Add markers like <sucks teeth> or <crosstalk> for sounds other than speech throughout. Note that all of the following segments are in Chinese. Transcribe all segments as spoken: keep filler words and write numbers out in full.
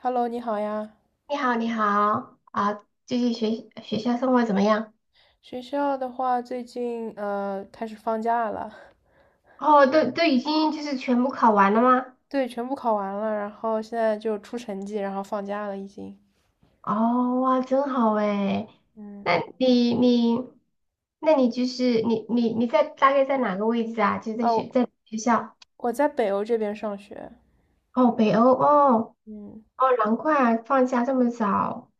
Hello，你好呀。你好，你好啊，最近学学校生活怎么样？学校的话，最近呃开始放假了，哦，都都已经就是全部考完了吗？<laughs> 对，全部考完了，然后现在就出成绩，然后放假了已经。哦，哇，真好诶。嗯，那你你，那你就是你你你在大概在哪个位置啊？就是在哦，学在学校？我在北欧这边上学。哦，北欧哦。嗯，哦，难怪啊放假这么早。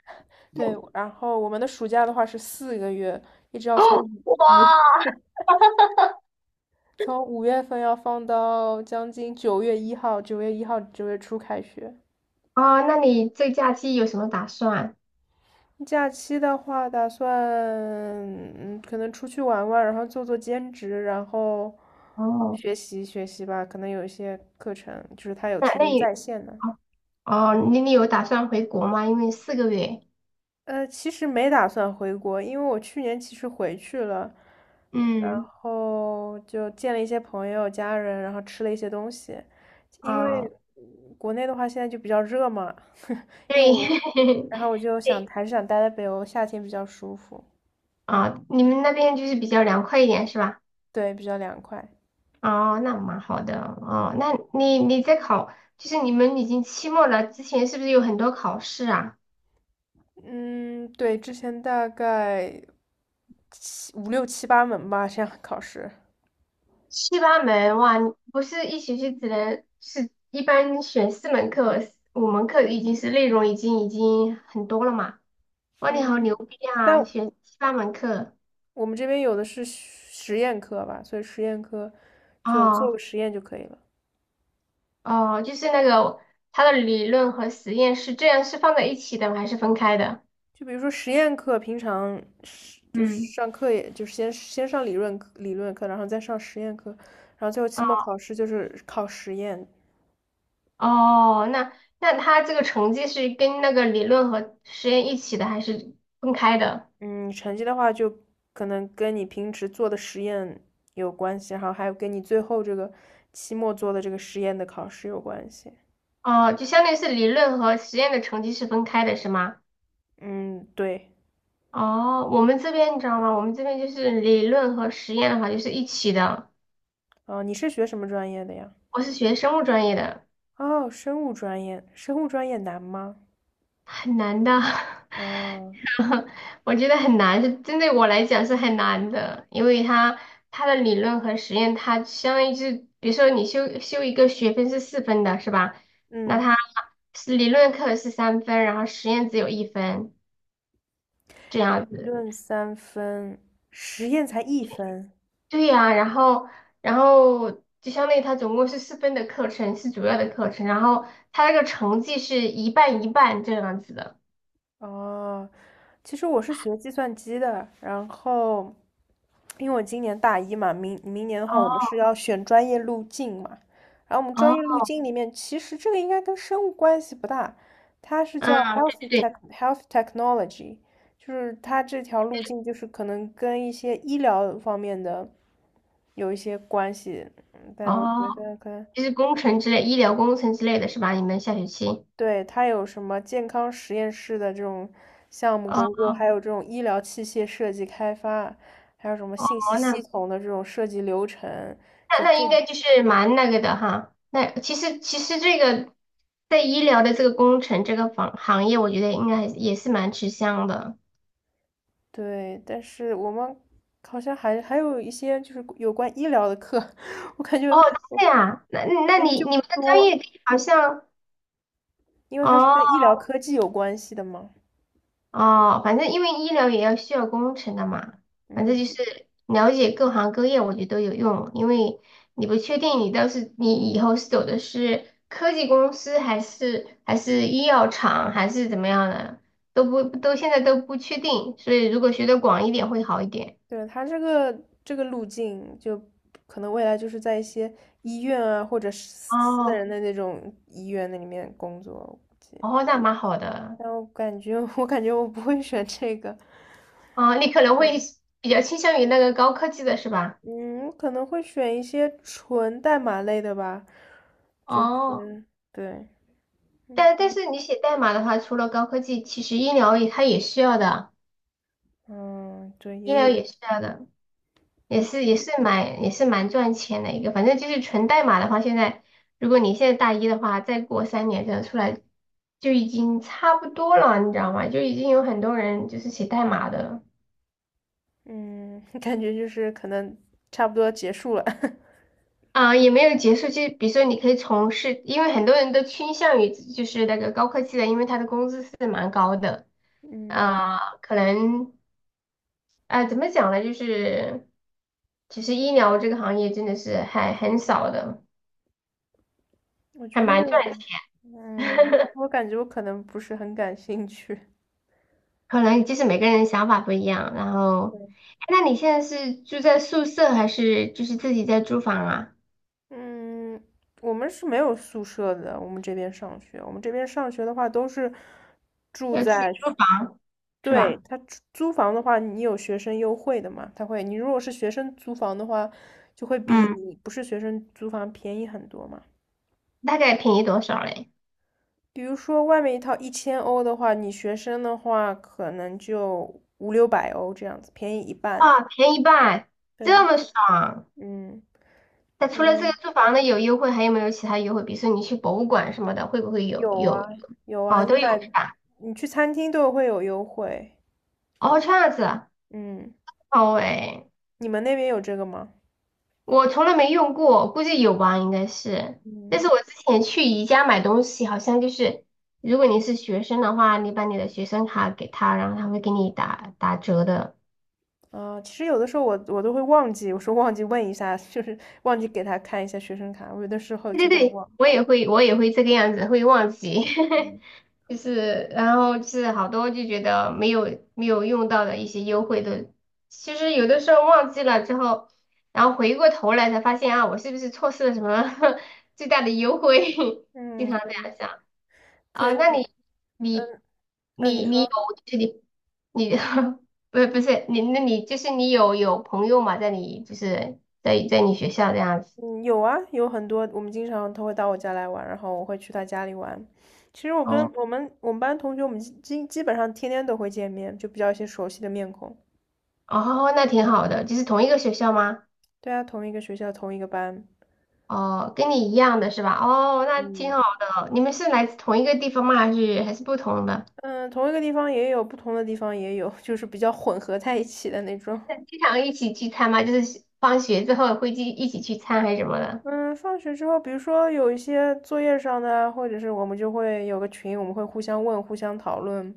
那对，你。然后我们的暑假的话是四个月，一直要哦。从哇。五从五月份要放到将近九月一号，九月一号九月初开学。哦，那你这假期有什么打算？假期的话，打算嗯，可能出去玩玩，然后做做兼职，然后哦，学习学习吧。可能有一些课程，就是他有那提那供你在线的。哦。哦，你你有打算回国吗？因为四个月。呃，其实没打算回国，因为我去年其实回去了，然嗯。后就见了一些朋友、家人，然后吃了一些东西。因为哦，嗯国内的话现在就比较热嘛，因为对。我，<laughs> 然后我就想对。还是想待在北欧，夏天比较舒服，啊，你们那边就是比较凉快一点是吧？对，比较凉快。哦，那蛮好的。嗯。哦，那你你在考，就是你们已经期末了，之前是不是有很多考试啊？嗯，对，之前大概七五六七八门吧，这样考试。七八门哇，你不是一学期只能是一般选四门课，五门课已经是内容已经已经很多了嘛？哇，你好嗯，牛逼啊，但选七八门课。我们这边有的是实验课吧，所以实验课就做个哦。实验就可以了。哦，就是那个它的理论和实验是这样是放在一起的吗还是分开的？就比如说实验课，平常是就是嗯。上课也，就是先先上理论课理论课，然后再上实验课，然后最后期末考试就是考实验。哦，那那他这个成绩是跟那个理论和实验一起的，还是分开的？嗯，成绩的话就可能跟你平时做的实验有关系，然后还有跟你最后这个期末做的这个实验的考试有关系。哦，就相当于是理论和实验的成绩是分开的，是吗？嗯，对，哦，我们这边你知道吗？我们这边就是理论和实验的话就是一起的。呃，你是学什么专业的呀？我是学生物专业的。哦，生物专业，生物专业难吗？很难的。<laughs> 嗯 <laughs> 我觉得很难，是针对我来讲是很难的，因为它它的理论和实验，它相当于是，比如说你修修一个学分是四分的，是吧？那嗯，它是理论课是三分，然后实验只有一分这样理子。论三分，实验才一分。对呀、然后。然后就相当于它总共是四分的课程是主要的课程，然后它那个成绩是一半一半这样子的。哦，其实我是学计算机的，然后因为我今年大一嘛，明明年的话，我们哦。是要选专业路径嘛，然后我们专业哦。路径里面，其实这个应该跟生物关系不大，它是叫 嗯，对 healthy 对对。tech health y technology，就是它这条路径就是可能跟一些医疗方面的有一些关系，嗯，但我觉哦。得可能就是工程之类、医疗工程之类的是吧？你们下学期。对。它有什么健康实验室的这种项目哦。工作，还有这种医疗器械设计开发，还有什么哦，信息系那统的这种设计流程，就那那这，应该就是蛮那个的哈。那其实其实这个在医疗的这个工程这个行行业，我觉得应该还是也是蛮吃香的。对。但是我们好像还还有一些就是有关医疗的课，<laughs> 我感觉哦，我这样，那那就你就你们不的专多，业好像。因为它是跟哦。医疗科技有关系的嘛。哦，反正因为医疗也要需要工程的嘛，反正就嗯，是了解各行各业，我觉得都有用。因为你不确定你到是你以后是走的是科技公司，还是还是医药厂，还是怎么样的，都不都现在都不确定。所以如果学的广一点会好一点。对，它这个这个路径，就可能未来就是在一些医院啊，或者是私哦。人的那种医院那里面工作，我估计。哦，那蛮好的。但我感觉，<laughs> 我感觉我不会选这个，哦，你可能会比较倾向于那个高科技的是吧？嗯，我可能会选一些纯代码类的吧，就哦，是对，嗯但但是你写代码的话，除了高科技，其实医疗也它也需要的。嗯，对，医也疗有，也是这样的，也嗯是也是蛮也是蛮赚钱的一个，反正就是纯代码的话，现在如果你现在大一的话，再过三年这样出来就已经差不多了，你知道吗？就已经有很多人就是写代码的了。嗯，<laughs> 感觉就是可能差不多结束了，<laughs> 啊、也没有结束。就比如说你可以从事，因为很多人都倾向于就是那个高科技的，因为他的工资是蛮高的。嗯，啊、可能。啊、怎么讲呢？就是其实医疗这个行业真的是还很少的，我还觉得，蛮赚钱。嗯，但 <laughs> 是我感觉我可能不是很感兴趣。可能就是每个人想法不一样。然后，哎那你现在是住在宿舍还是就是自己在租房啊？嗯，我们是没有宿舍的，我们这边上学，我们这边上学的话都是住要自己在学，租房是对，吧？他租租房的话，你有学生优惠的嘛？他会，你如果是学生租房的话，就会比嗯，你不是学生租房便宜很多嘛。大概便宜多少嘞？比如说外面一套一千欧的话，你学生的话可能就五六百欧这样子，便宜一半。啊，便宜一半，这对，么爽！嗯那除了这个嗯，租房的有优惠，还有没有其他优惠？比如说你去博物馆什么的，会不会有有有？啊，有啊，哦，你都有买是吧？你去餐厅都会有优惠，哦，这样子啊，嗯。好诶。你们那边有这个吗？我从来没用过，估计有吧，应该是。但嗯，是我之前去宜家买东西，好像就是，如果你是学生的话，你把你的学生卡给他，然后他会给你打打折的。啊，其实有的时候我我都会忘记，我说忘记问一下，就是忘记给他看一下学生卡，我有的时候对对就会对，忘。我也会，我也会这个样子，会忘记。嗯 <laughs> 就是，然后就是好多就觉得没有没有用到的一些优惠的，其实有的时候忘记了之后，然后回过头来才发现啊，我是不是错失了什么 <laughs> 最大的优惠？<laughs> 经嗯，常这对，样想。可啊，以，那你你嗯，那你你你有说，就是你你 <laughs> 不是不是你那你就是你有有朋友嘛，在你就是在在你学校这样子。嗯，有啊，有很多，我们经常他会到我家来玩，然后我会去他家里玩。其实我跟哦。我们我们班同学，我们基基基本上天天都会见面，就比较一些熟悉的面孔。哦，那挺好的，就是同一个学校吗？对啊，同一个学校，同一个班，哦，跟你一样的是吧？哦，那挺嗯好的。你们是来自同一个地方吗？还是还是不同的？嗯，同一个地方也有，不同的地方也有，就是比较混合在一起的那种。那经常一起聚餐吗？就是放学之后会去一起聚餐还是什么的？嗯，放学之后，比如说有一些作业上的啊或者是我们就会有个群，我们会互相问、互相讨论，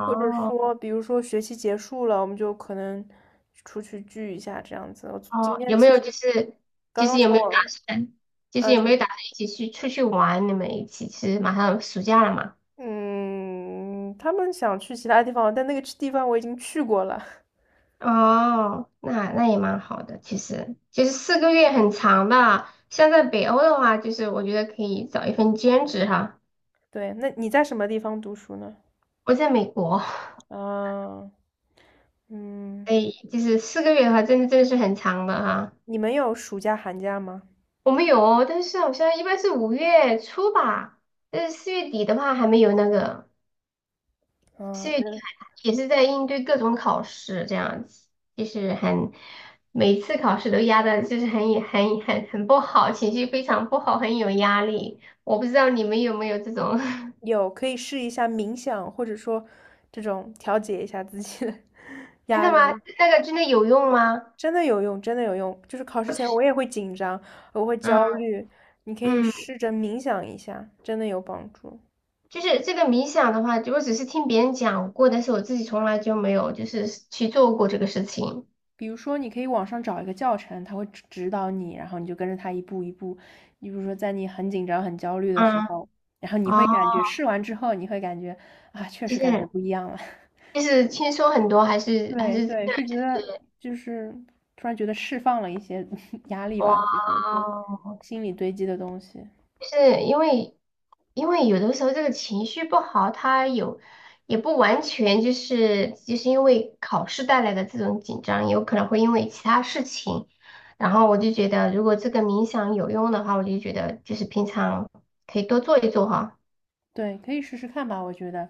或者说，比如说学期结束了，我们就可能出去聚一下这样子。我今哦，天有没其有就实是就刚是刚有从没有打我算，就是呃有什没有么，打算一起去出去玩？你们一起是马上暑假了嘛？嗯，他们想去其他地方，但那个地方我已经去过了。<laughs> 哦，那那也蛮好的，其实就是四个月很长的。像在北欧的话，就是我觉得可以找一份兼职哈。对，那你在什么地方读书呢？我在美国，嗯所嗯，以就是四个月的话，真的真的是很长的哈。你们有暑假、寒假吗？我们有哦，但是好像一般是五月初吧，但是四月底的话还没有那个。嗯，也是在应对各种考试这样子，就是很每次考试都压的，就是很很很很不好，情绪非常不好，很有压力。我不知道你们有没有这种。<laughs> 有，可以试一下冥想，或者说这种调节一下自己的 <laughs> 真压的吗？力，那个真的有用吗？真的有用，真的有用。就是考试前我也会紧张，我会嗯焦虑，你可以嗯。试着冥想一下，真的有帮助。就是这个冥想的话，我只是听别人讲过，但是我自己从来就没有就是去做过这个事情。比如说，你可以网上找一个教程，他会指指导你，然后你就跟着他一步一步。你比如说，在你很紧张、很焦虑的时嗯。候，然后你会哦，感觉试完之后，你会感觉啊，确就实感觉是不一样了。<laughs> 就是轻松很多还是还对是真对，的是觉就得是。就是突然觉得释放了一些 <laughs> 压力吧，哇。就是一些心理堆积的东西。是因为，因为有的时候这个情绪不好，他有也不完全就是就是因为考试带来的这种紧张，有可能会因为其他事情。然后我就觉得，如果这个冥想有用的话，我就觉得就是平常可以多做一做哈。对，可以试试看吧，我觉得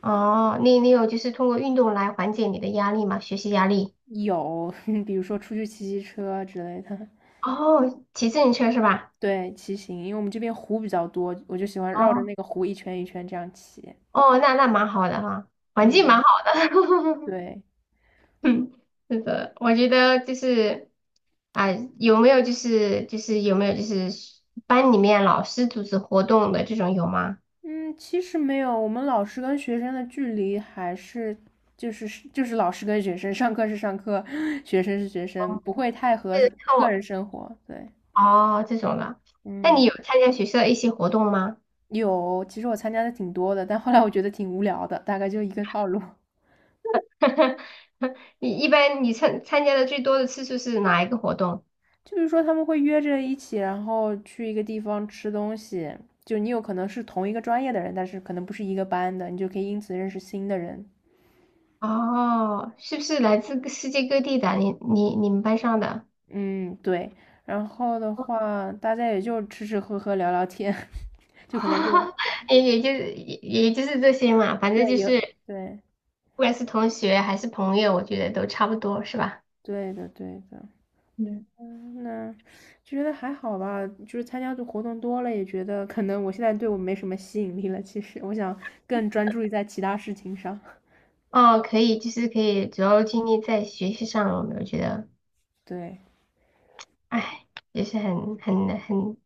哦，你你有就是通过运动来缓解你的压力嘛？学习压力？有，<laughs> 比如说出去骑骑车之类的。哦，骑自行车是吧？对，骑行，因为我们这边湖比较多，我就喜欢绕着哦。那个湖一圈一圈这样骑。哦，那那蛮好的哈，环境蛮嗯，好的。<laughs> 对，<laughs> 嗯，是的，我觉得就是。啊、有没有就是就是有没有就是班里面老师组织活动的这种有吗？嗯，其实没有，我们老师跟学生的距离还是就是是就是老师跟学生，上课是上课，<laughs> <sucks teeth> 学生是学生，不会太和是课个人我。生活。对，哦这种的。那你嗯，有参加学校的一些活动吗？有，其实我参加的挺多的，但后来我觉得挺无聊的，大概就一个套路。<laughs> <laughs> 你一般你参参加的最多的次数是哪一个活动？就是说他们会约着一起，然后去一个地方吃东西，就你有可能是同一个专业的人，但是可能不是一个班的，你就可以因此认识新的人。哦，是不是来自各世界各地的？你你你们班上的。嗯，对。然后的话，大家也就吃吃喝喝聊聊天，<laughs> 就可能就 <laughs> 也也就是也也就是这些嘛，反对，正就有是。对，不管是同学还是朋友，我觉得都差不多，是吧？对的对的。嗯。嗯，那就觉得还好吧，就是参加的活动多了，也觉得可能我现在对我没什么吸引力了。其实我想更专注于在其他事情上。<laughs> 哦，可以，就是可以主要精力在学习上了。我觉得，对，哎，也是很很很。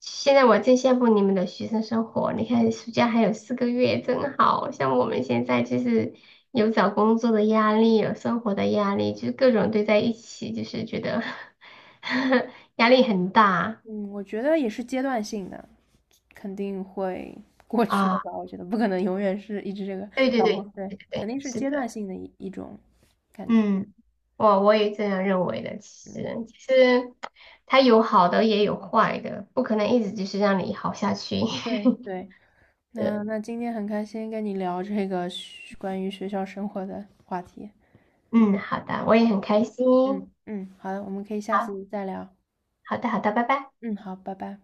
现在我真羡慕你们的学生生活。你看，暑假还有四个月，真好。像我们现在就是有找工作的压力，有生活的压力，就是各种堆在一起，就是觉得 <laughs> 压力很大。嗯，我觉得也是阶段性的，肯定会 <laughs> 过去的啊。吧。我觉得不可能永远是一直这个对对找工。对，对，对对肯对，定是是阶的。段性的一一种感觉。嗯，我我也这样认为的。嗯，其实，其实它有好的也有坏的，不可能一直就是让你好下去。对 <laughs> 对。那是。那今天很开心跟你聊这个学关于学校生活的话题。嗯，好的，我也很开心。嗯嗯，好的，我们可以下好，次再聊。好的，好的，拜拜。嗯，好，拜拜。